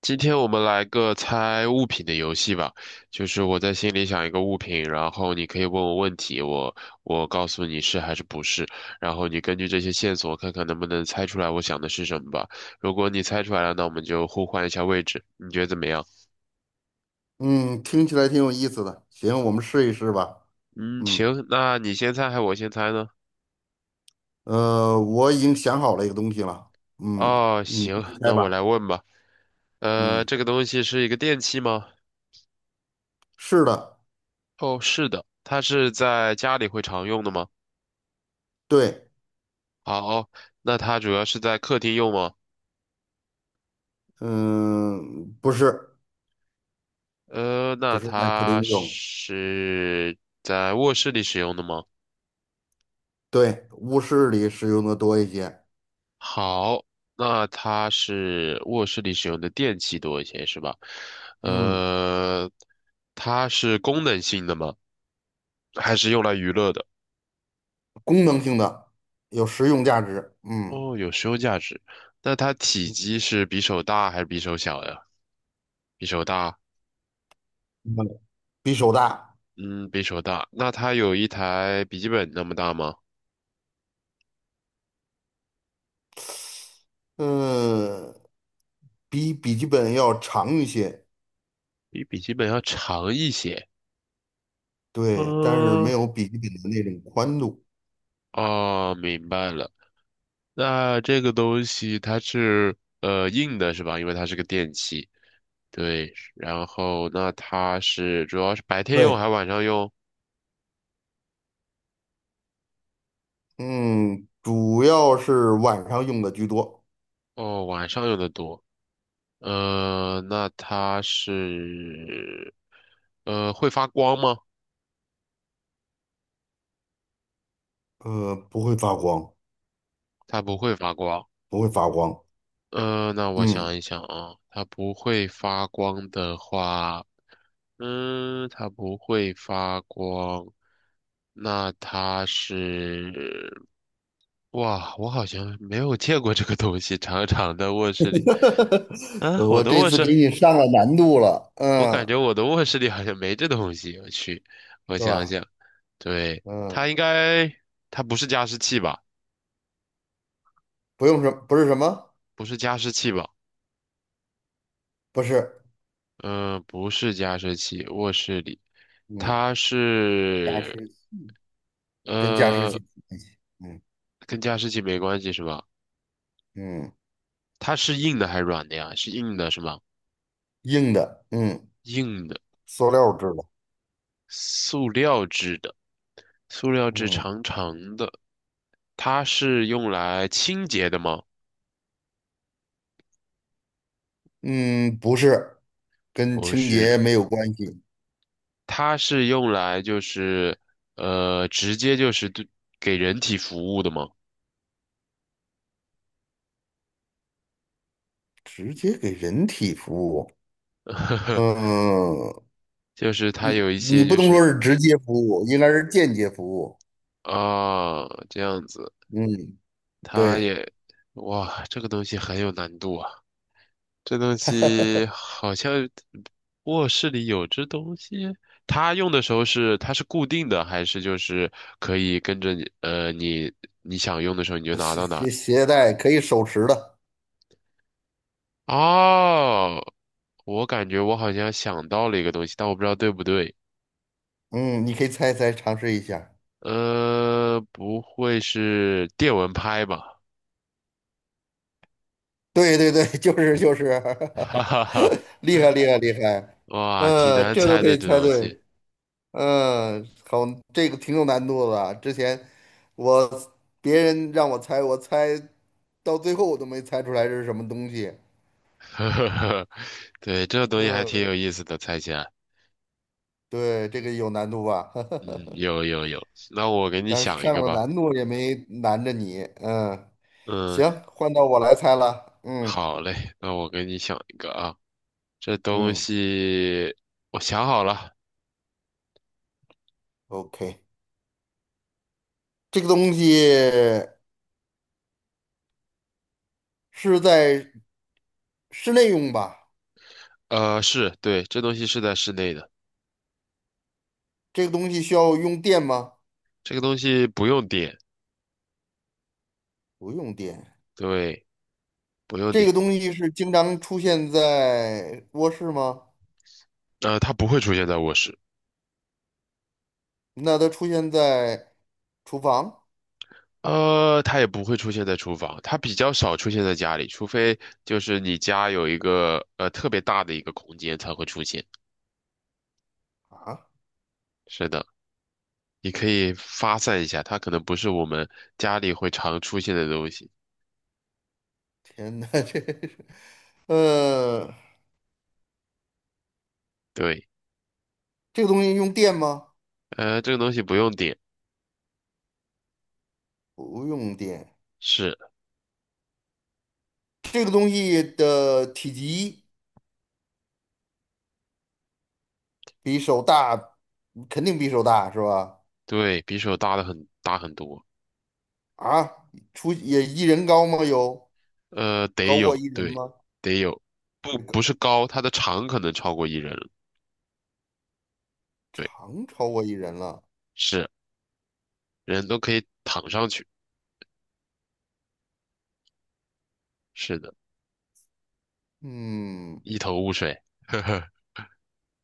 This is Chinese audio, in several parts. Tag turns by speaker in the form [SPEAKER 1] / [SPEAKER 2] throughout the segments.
[SPEAKER 1] 今天我们来个猜物品的游戏吧，就是我在心里想一个物品，然后你可以问我问题，我告诉你是还是不是，然后你根据这些线索看看能不能猜出来我想的是什么吧。如果你猜出来了，那我们就互换一下位置，你觉得怎么样？
[SPEAKER 2] 嗯，听起来挺有意思的。行，我们试一试吧。
[SPEAKER 1] 嗯，
[SPEAKER 2] 嗯，
[SPEAKER 1] 行，那你先猜还是我先猜呢？
[SPEAKER 2] 我已经想好了一个东西了。嗯，
[SPEAKER 1] 哦，
[SPEAKER 2] 你
[SPEAKER 1] 行，
[SPEAKER 2] 猜
[SPEAKER 1] 那我
[SPEAKER 2] 吧。
[SPEAKER 1] 来问吧。
[SPEAKER 2] 嗯，
[SPEAKER 1] 这个东西是一个电器吗？
[SPEAKER 2] 是的，
[SPEAKER 1] 哦，是的，它是在家里会常用的吗？
[SPEAKER 2] 对，
[SPEAKER 1] 好，那它主要是在客厅用吗？
[SPEAKER 2] 嗯，不是，
[SPEAKER 1] 呃，那
[SPEAKER 2] 不是在客
[SPEAKER 1] 它
[SPEAKER 2] 厅用，
[SPEAKER 1] 是在卧室里使用的吗？
[SPEAKER 2] 对，卧室里使用的多一些。
[SPEAKER 1] 好，那它是卧室里使用的电器多一些，是吧？
[SPEAKER 2] 嗯，
[SPEAKER 1] 呃，它是功能性的吗？还是用来娱乐的？
[SPEAKER 2] 功能性的，有实用价值。嗯，
[SPEAKER 1] 哦，有实用价值。那它体
[SPEAKER 2] 嗯
[SPEAKER 1] 积是比手大还是比手小呀？比手大，
[SPEAKER 2] 比手大，
[SPEAKER 1] 嗯，比手大。那它有一台笔记本那么大吗？
[SPEAKER 2] 嗯，比笔记本要长一些，
[SPEAKER 1] 比笔记本要长一些。
[SPEAKER 2] 对，但是没
[SPEAKER 1] 嗯，
[SPEAKER 2] 有笔记本的那种宽度。
[SPEAKER 1] 哦，明白了。那这个东西它是硬的是吧？因为它是个电器。对，然后那它是主要是白天用还
[SPEAKER 2] 对。
[SPEAKER 1] 是晚上用？
[SPEAKER 2] 嗯，主要是晚上用的居多，
[SPEAKER 1] 哦，晚上用的多。呃，那它是呃会发光吗？
[SPEAKER 2] 不会发光，
[SPEAKER 1] 它不会发光。
[SPEAKER 2] 不会发光。
[SPEAKER 1] 那我
[SPEAKER 2] 嗯，
[SPEAKER 1] 想一想啊，它不会发光的话。嗯，它不会发光，那它是，哇，我好像没有见过这个东西，长长的卧室里，啊，我
[SPEAKER 2] 我
[SPEAKER 1] 的
[SPEAKER 2] 这
[SPEAKER 1] 卧
[SPEAKER 2] 次给
[SPEAKER 1] 室，
[SPEAKER 2] 你上了难度了，
[SPEAKER 1] 我感
[SPEAKER 2] 嗯，
[SPEAKER 1] 觉我的卧室里好像没这东西，我去，我
[SPEAKER 2] 是
[SPEAKER 1] 想
[SPEAKER 2] 吧？
[SPEAKER 1] 想，对，它
[SPEAKER 2] 嗯，
[SPEAKER 1] 应该，它不是加湿器吧？
[SPEAKER 2] 不是什么，
[SPEAKER 1] 不是加湿器吧？
[SPEAKER 2] 不是，
[SPEAKER 1] 嗯，不是加湿器，卧室里，
[SPEAKER 2] 嗯，
[SPEAKER 1] 它
[SPEAKER 2] 加
[SPEAKER 1] 是，
[SPEAKER 2] 湿器跟加湿
[SPEAKER 1] 呃，
[SPEAKER 2] 器有关系，嗯
[SPEAKER 1] 跟加湿器没关系是吧？
[SPEAKER 2] 嗯，
[SPEAKER 1] 它是硬的还是软的呀？是硬的，是吗？
[SPEAKER 2] 硬的，嗯，
[SPEAKER 1] 硬的，
[SPEAKER 2] 塑料制的，
[SPEAKER 1] 塑料制的，塑料制
[SPEAKER 2] 嗯
[SPEAKER 1] 长长的。它是用来清洁的吗？
[SPEAKER 2] 嗯，不是，跟
[SPEAKER 1] 不
[SPEAKER 2] 清洁
[SPEAKER 1] 是，
[SPEAKER 2] 没有关系，
[SPEAKER 1] 它是用来就是呃，直接就是对给人体服务的吗？
[SPEAKER 2] 直接给人体服务，
[SPEAKER 1] 呵呵
[SPEAKER 2] 嗯，
[SPEAKER 1] 就是它
[SPEAKER 2] 你
[SPEAKER 1] 有一些
[SPEAKER 2] 你不
[SPEAKER 1] 就
[SPEAKER 2] 能说
[SPEAKER 1] 是
[SPEAKER 2] 是直接服务，应该是间接服务。
[SPEAKER 1] 啊，这样子，
[SPEAKER 2] 嗯，
[SPEAKER 1] 它
[SPEAKER 2] 对
[SPEAKER 1] 也哇，这个东西很有难度啊。这东西 好像卧室里有这东西，它用的时候是它是固定的，还是就是可以跟着你你想用的时候你就拿
[SPEAKER 2] 携
[SPEAKER 1] 到哪儿？
[SPEAKER 2] 携携带可以手持的。
[SPEAKER 1] 哦，我感觉我好像想到了一个东西，但我不知道对不对。
[SPEAKER 2] 嗯，你可以猜一猜尝试一下。
[SPEAKER 1] 不会是电蚊拍吧？
[SPEAKER 2] 对，就是，
[SPEAKER 1] 哈 哈哈，
[SPEAKER 2] 厉害厉害厉害。
[SPEAKER 1] 哇，挺
[SPEAKER 2] 嗯，
[SPEAKER 1] 难
[SPEAKER 2] 这都
[SPEAKER 1] 猜
[SPEAKER 2] 可
[SPEAKER 1] 的
[SPEAKER 2] 以
[SPEAKER 1] 这
[SPEAKER 2] 猜
[SPEAKER 1] 东
[SPEAKER 2] 对。
[SPEAKER 1] 西。
[SPEAKER 2] 嗯，好，这个挺有难度的啊，之前我别人让我猜，我猜到最后我都没猜出来这是什么东西。
[SPEAKER 1] 呵呵呵，对，这个东西还挺
[SPEAKER 2] 嗯，
[SPEAKER 1] 有意思的，猜起来。
[SPEAKER 2] 对，这个有难度吧？
[SPEAKER 1] 嗯，有有有，那我给你
[SPEAKER 2] 但是
[SPEAKER 1] 想一
[SPEAKER 2] 上
[SPEAKER 1] 个
[SPEAKER 2] 了
[SPEAKER 1] 吧。
[SPEAKER 2] 难度也没难着你，嗯，
[SPEAKER 1] 嗯，
[SPEAKER 2] 行，换到我来猜了，嗯
[SPEAKER 1] 好嘞，那我给你想一个啊，这东
[SPEAKER 2] 嗯
[SPEAKER 1] 西我想好了，
[SPEAKER 2] ，OK，这个东西是在室内用吧？
[SPEAKER 1] 呃，是，对，这东西是在室内的，
[SPEAKER 2] 这个东西需要用电吗？
[SPEAKER 1] 这个东西不用点，
[SPEAKER 2] 不用电。
[SPEAKER 1] 对，不用
[SPEAKER 2] 这
[SPEAKER 1] 点，
[SPEAKER 2] 个东西是经常出现在卧室吗？
[SPEAKER 1] 它不会出现在卧室，
[SPEAKER 2] 那它出现在厨房
[SPEAKER 1] 它也不会出现在厨房，它比较少出现在家里，除非就是你家有一个特别大的一个空间才会出现。
[SPEAKER 2] 啊？
[SPEAKER 1] 是的，你可以发散一下，它可能不是我们家里会常出现的东西，
[SPEAKER 2] 天哪，这是，呃，
[SPEAKER 1] 对，
[SPEAKER 2] 这个东西用电吗？
[SPEAKER 1] 这个东西不用点，
[SPEAKER 2] 不用电。
[SPEAKER 1] 是。
[SPEAKER 2] 这个东西的体积。比手大，肯定比手大是吧？
[SPEAKER 1] 对，比手大的很大很多，
[SPEAKER 2] 啊，出也一人高吗？有
[SPEAKER 1] 得
[SPEAKER 2] 高过
[SPEAKER 1] 有，
[SPEAKER 2] 一人
[SPEAKER 1] 对，
[SPEAKER 2] 吗？
[SPEAKER 1] 得有，不
[SPEAKER 2] 也高
[SPEAKER 1] 不是高，它的长可能超过一人了，对，
[SPEAKER 2] 长超过一人了。
[SPEAKER 1] 是，人都可以躺上去，是的，
[SPEAKER 2] 嗯，
[SPEAKER 1] 一头雾水，呵呵，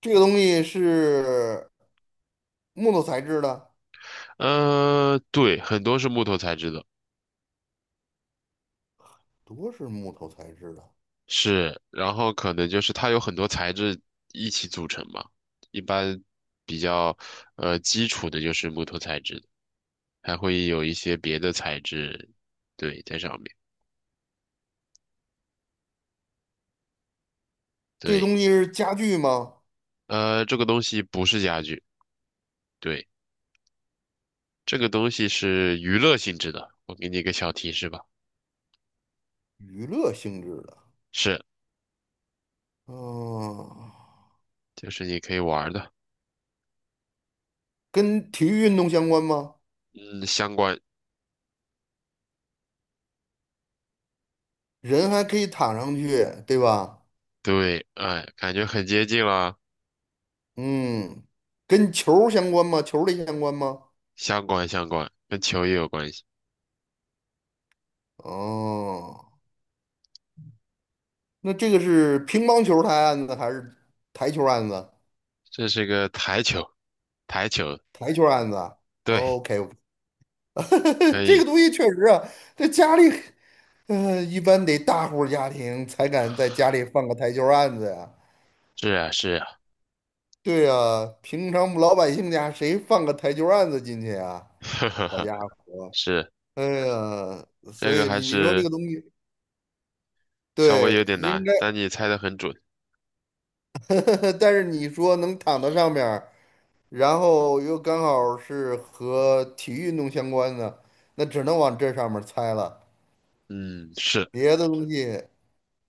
[SPEAKER 2] 这个东西是木头材质的，
[SPEAKER 1] 对，很多是木头材质的，
[SPEAKER 2] 多是木头材质的。
[SPEAKER 1] 是，然后可能就是它有很多材质一起组成嘛，一般比较基础的就是木头材质的还会有一些别的材质，对，在上面，
[SPEAKER 2] 这
[SPEAKER 1] 对，
[SPEAKER 2] 东西是家具吗？
[SPEAKER 1] 这个东西不是家具。对，这个东西是娱乐性质的，我给你一个小提示吧，
[SPEAKER 2] 娱乐性质的。
[SPEAKER 1] 是，
[SPEAKER 2] 嗯，
[SPEAKER 1] 就是你可以玩儿的，
[SPEAKER 2] 跟体育运动相关吗？
[SPEAKER 1] 嗯，相关，
[SPEAKER 2] 人还可以躺上去，对吧？
[SPEAKER 1] 对，哎，感觉很接近了，
[SPEAKER 2] 嗯，跟球儿相关吗？球儿类相关吗？
[SPEAKER 1] 相关相关，跟球也有关系，
[SPEAKER 2] 哦。那这个是乒乓球台案子还是台球案子？
[SPEAKER 1] 这是个台球，台球，
[SPEAKER 2] 台球案子，
[SPEAKER 1] 对，
[SPEAKER 2] o k
[SPEAKER 1] 可
[SPEAKER 2] 这个
[SPEAKER 1] 以，
[SPEAKER 2] 东西确实啊，在家里，呃，一般得大户家庭才敢在家里放个台球案子呀。
[SPEAKER 1] 是啊是啊，
[SPEAKER 2] 对呀，平常老百姓家谁放个台球案子进去啊？
[SPEAKER 1] 呵呵
[SPEAKER 2] 好
[SPEAKER 1] 呵，
[SPEAKER 2] 家伙，
[SPEAKER 1] 是，
[SPEAKER 2] 哎呀，
[SPEAKER 1] 这
[SPEAKER 2] 所
[SPEAKER 1] 个
[SPEAKER 2] 以
[SPEAKER 1] 还
[SPEAKER 2] 你说这
[SPEAKER 1] 是
[SPEAKER 2] 个东西，
[SPEAKER 1] 稍微有
[SPEAKER 2] 对，
[SPEAKER 1] 点
[SPEAKER 2] 应
[SPEAKER 1] 难，
[SPEAKER 2] 该，
[SPEAKER 1] 但你猜的很准，
[SPEAKER 2] 但是你说能躺到上面。然后又刚好是和体育运动相关的，那只能往这上面猜了。
[SPEAKER 1] 嗯，是，
[SPEAKER 2] 别的东西，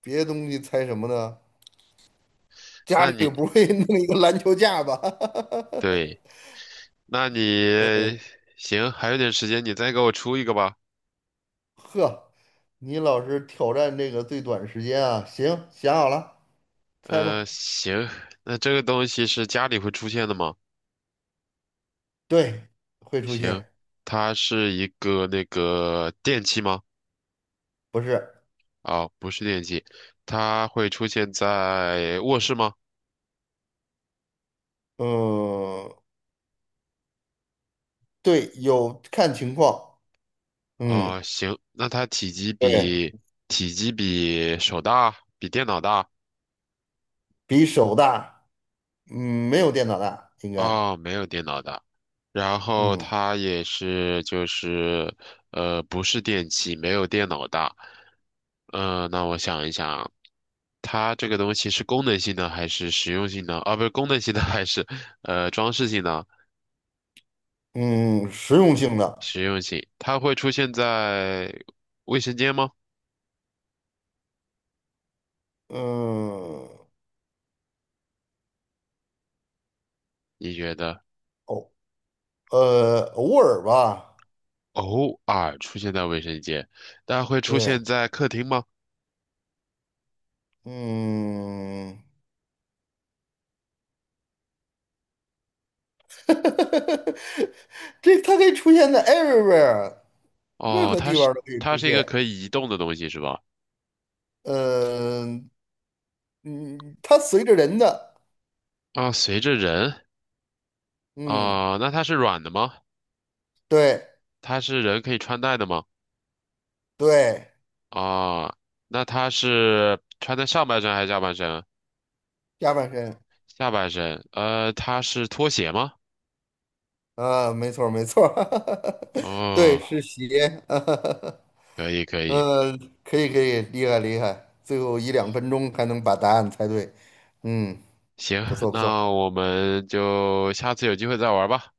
[SPEAKER 2] 别的东西猜什么呢？家
[SPEAKER 1] 那
[SPEAKER 2] 里
[SPEAKER 1] 你，
[SPEAKER 2] 不会 弄一个篮球架吧？
[SPEAKER 1] 对，那你，行，还有点时间，你再给我出一个吧。
[SPEAKER 2] 呵，你老是挑战这个最短时间啊！行，想好了，猜吧。
[SPEAKER 1] 行，那这个东西是家里会出现的吗？
[SPEAKER 2] 对，会出
[SPEAKER 1] 行，
[SPEAKER 2] 现，
[SPEAKER 1] 它是一个那个电器吗？
[SPEAKER 2] 不是？
[SPEAKER 1] 啊、不是电器，它会出现在卧室吗？
[SPEAKER 2] 嗯，对，有看情况。嗯，
[SPEAKER 1] 啊、行，那它体积
[SPEAKER 2] 对，
[SPEAKER 1] 比体积比手大，比电脑大。
[SPEAKER 2] 比手大，嗯，没有电脑大，应该。
[SPEAKER 1] 哦，没有电脑的，然后
[SPEAKER 2] 嗯。
[SPEAKER 1] 它也是就是不是电器，没有电脑大。嗯，那我想一想，它这个东西是功能性的还是实用性的？啊，不是功能性的还是装饰性的？
[SPEAKER 2] 嗯，实用性的，
[SPEAKER 1] 实用性，它会出现在卫生间吗？
[SPEAKER 2] 嗯，
[SPEAKER 1] 你觉得
[SPEAKER 2] 偶偶尔吧，
[SPEAKER 1] 偶尔出现在卫生间，但会出
[SPEAKER 2] 对，
[SPEAKER 1] 现在客厅吗？
[SPEAKER 2] 嗯，这它可以出现在 everywhere，任
[SPEAKER 1] 哦，
[SPEAKER 2] 何地方都可以
[SPEAKER 1] 它
[SPEAKER 2] 出
[SPEAKER 1] 是一个
[SPEAKER 2] 现。
[SPEAKER 1] 可以移动的东西是吧？
[SPEAKER 2] 嗯，嗯，它随着人的，
[SPEAKER 1] 啊，随着人。
[SPEAKER 2] 嗯，
[SPEAKER 1] 啊、那它是软的吗？
[SPEAKER 2] 对
[SPEAKER 1] 它是人可以穿戴的吗？
[SPEAKER 2] 对，
[SPEAKER 1] 啊、那它是穿在上半身还是下半身？
[SPEAKER 2] 下半身
[SPEAKER 1] 下半身。它是拖鞋吗？
[SPEAKER 2] 啊，没错儿没错儿，对，
[SPEAKER 1] 哦，
[SPEAKER 2] 是鞋，
[SPEAKER 1] 可以可 以，
[SPEAKER 2] 呃，可以可以，厉害厉害，最后一两分钟还能把答案猜对，嗯，
[SPEAKER 1] 行，
[SPEAKER 2] 不错 不错，
[SPEAKER 1] 那我们就下次有机会再玩吧。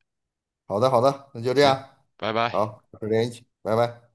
[SPEAKER 2] 好的好的，那就这
[SPEAKER 1] 行，
[SPEAKER 2] 样，
[SPEAKER 1] 拜拜。
[SPEAKER 2] 好，保持联系，拜拜。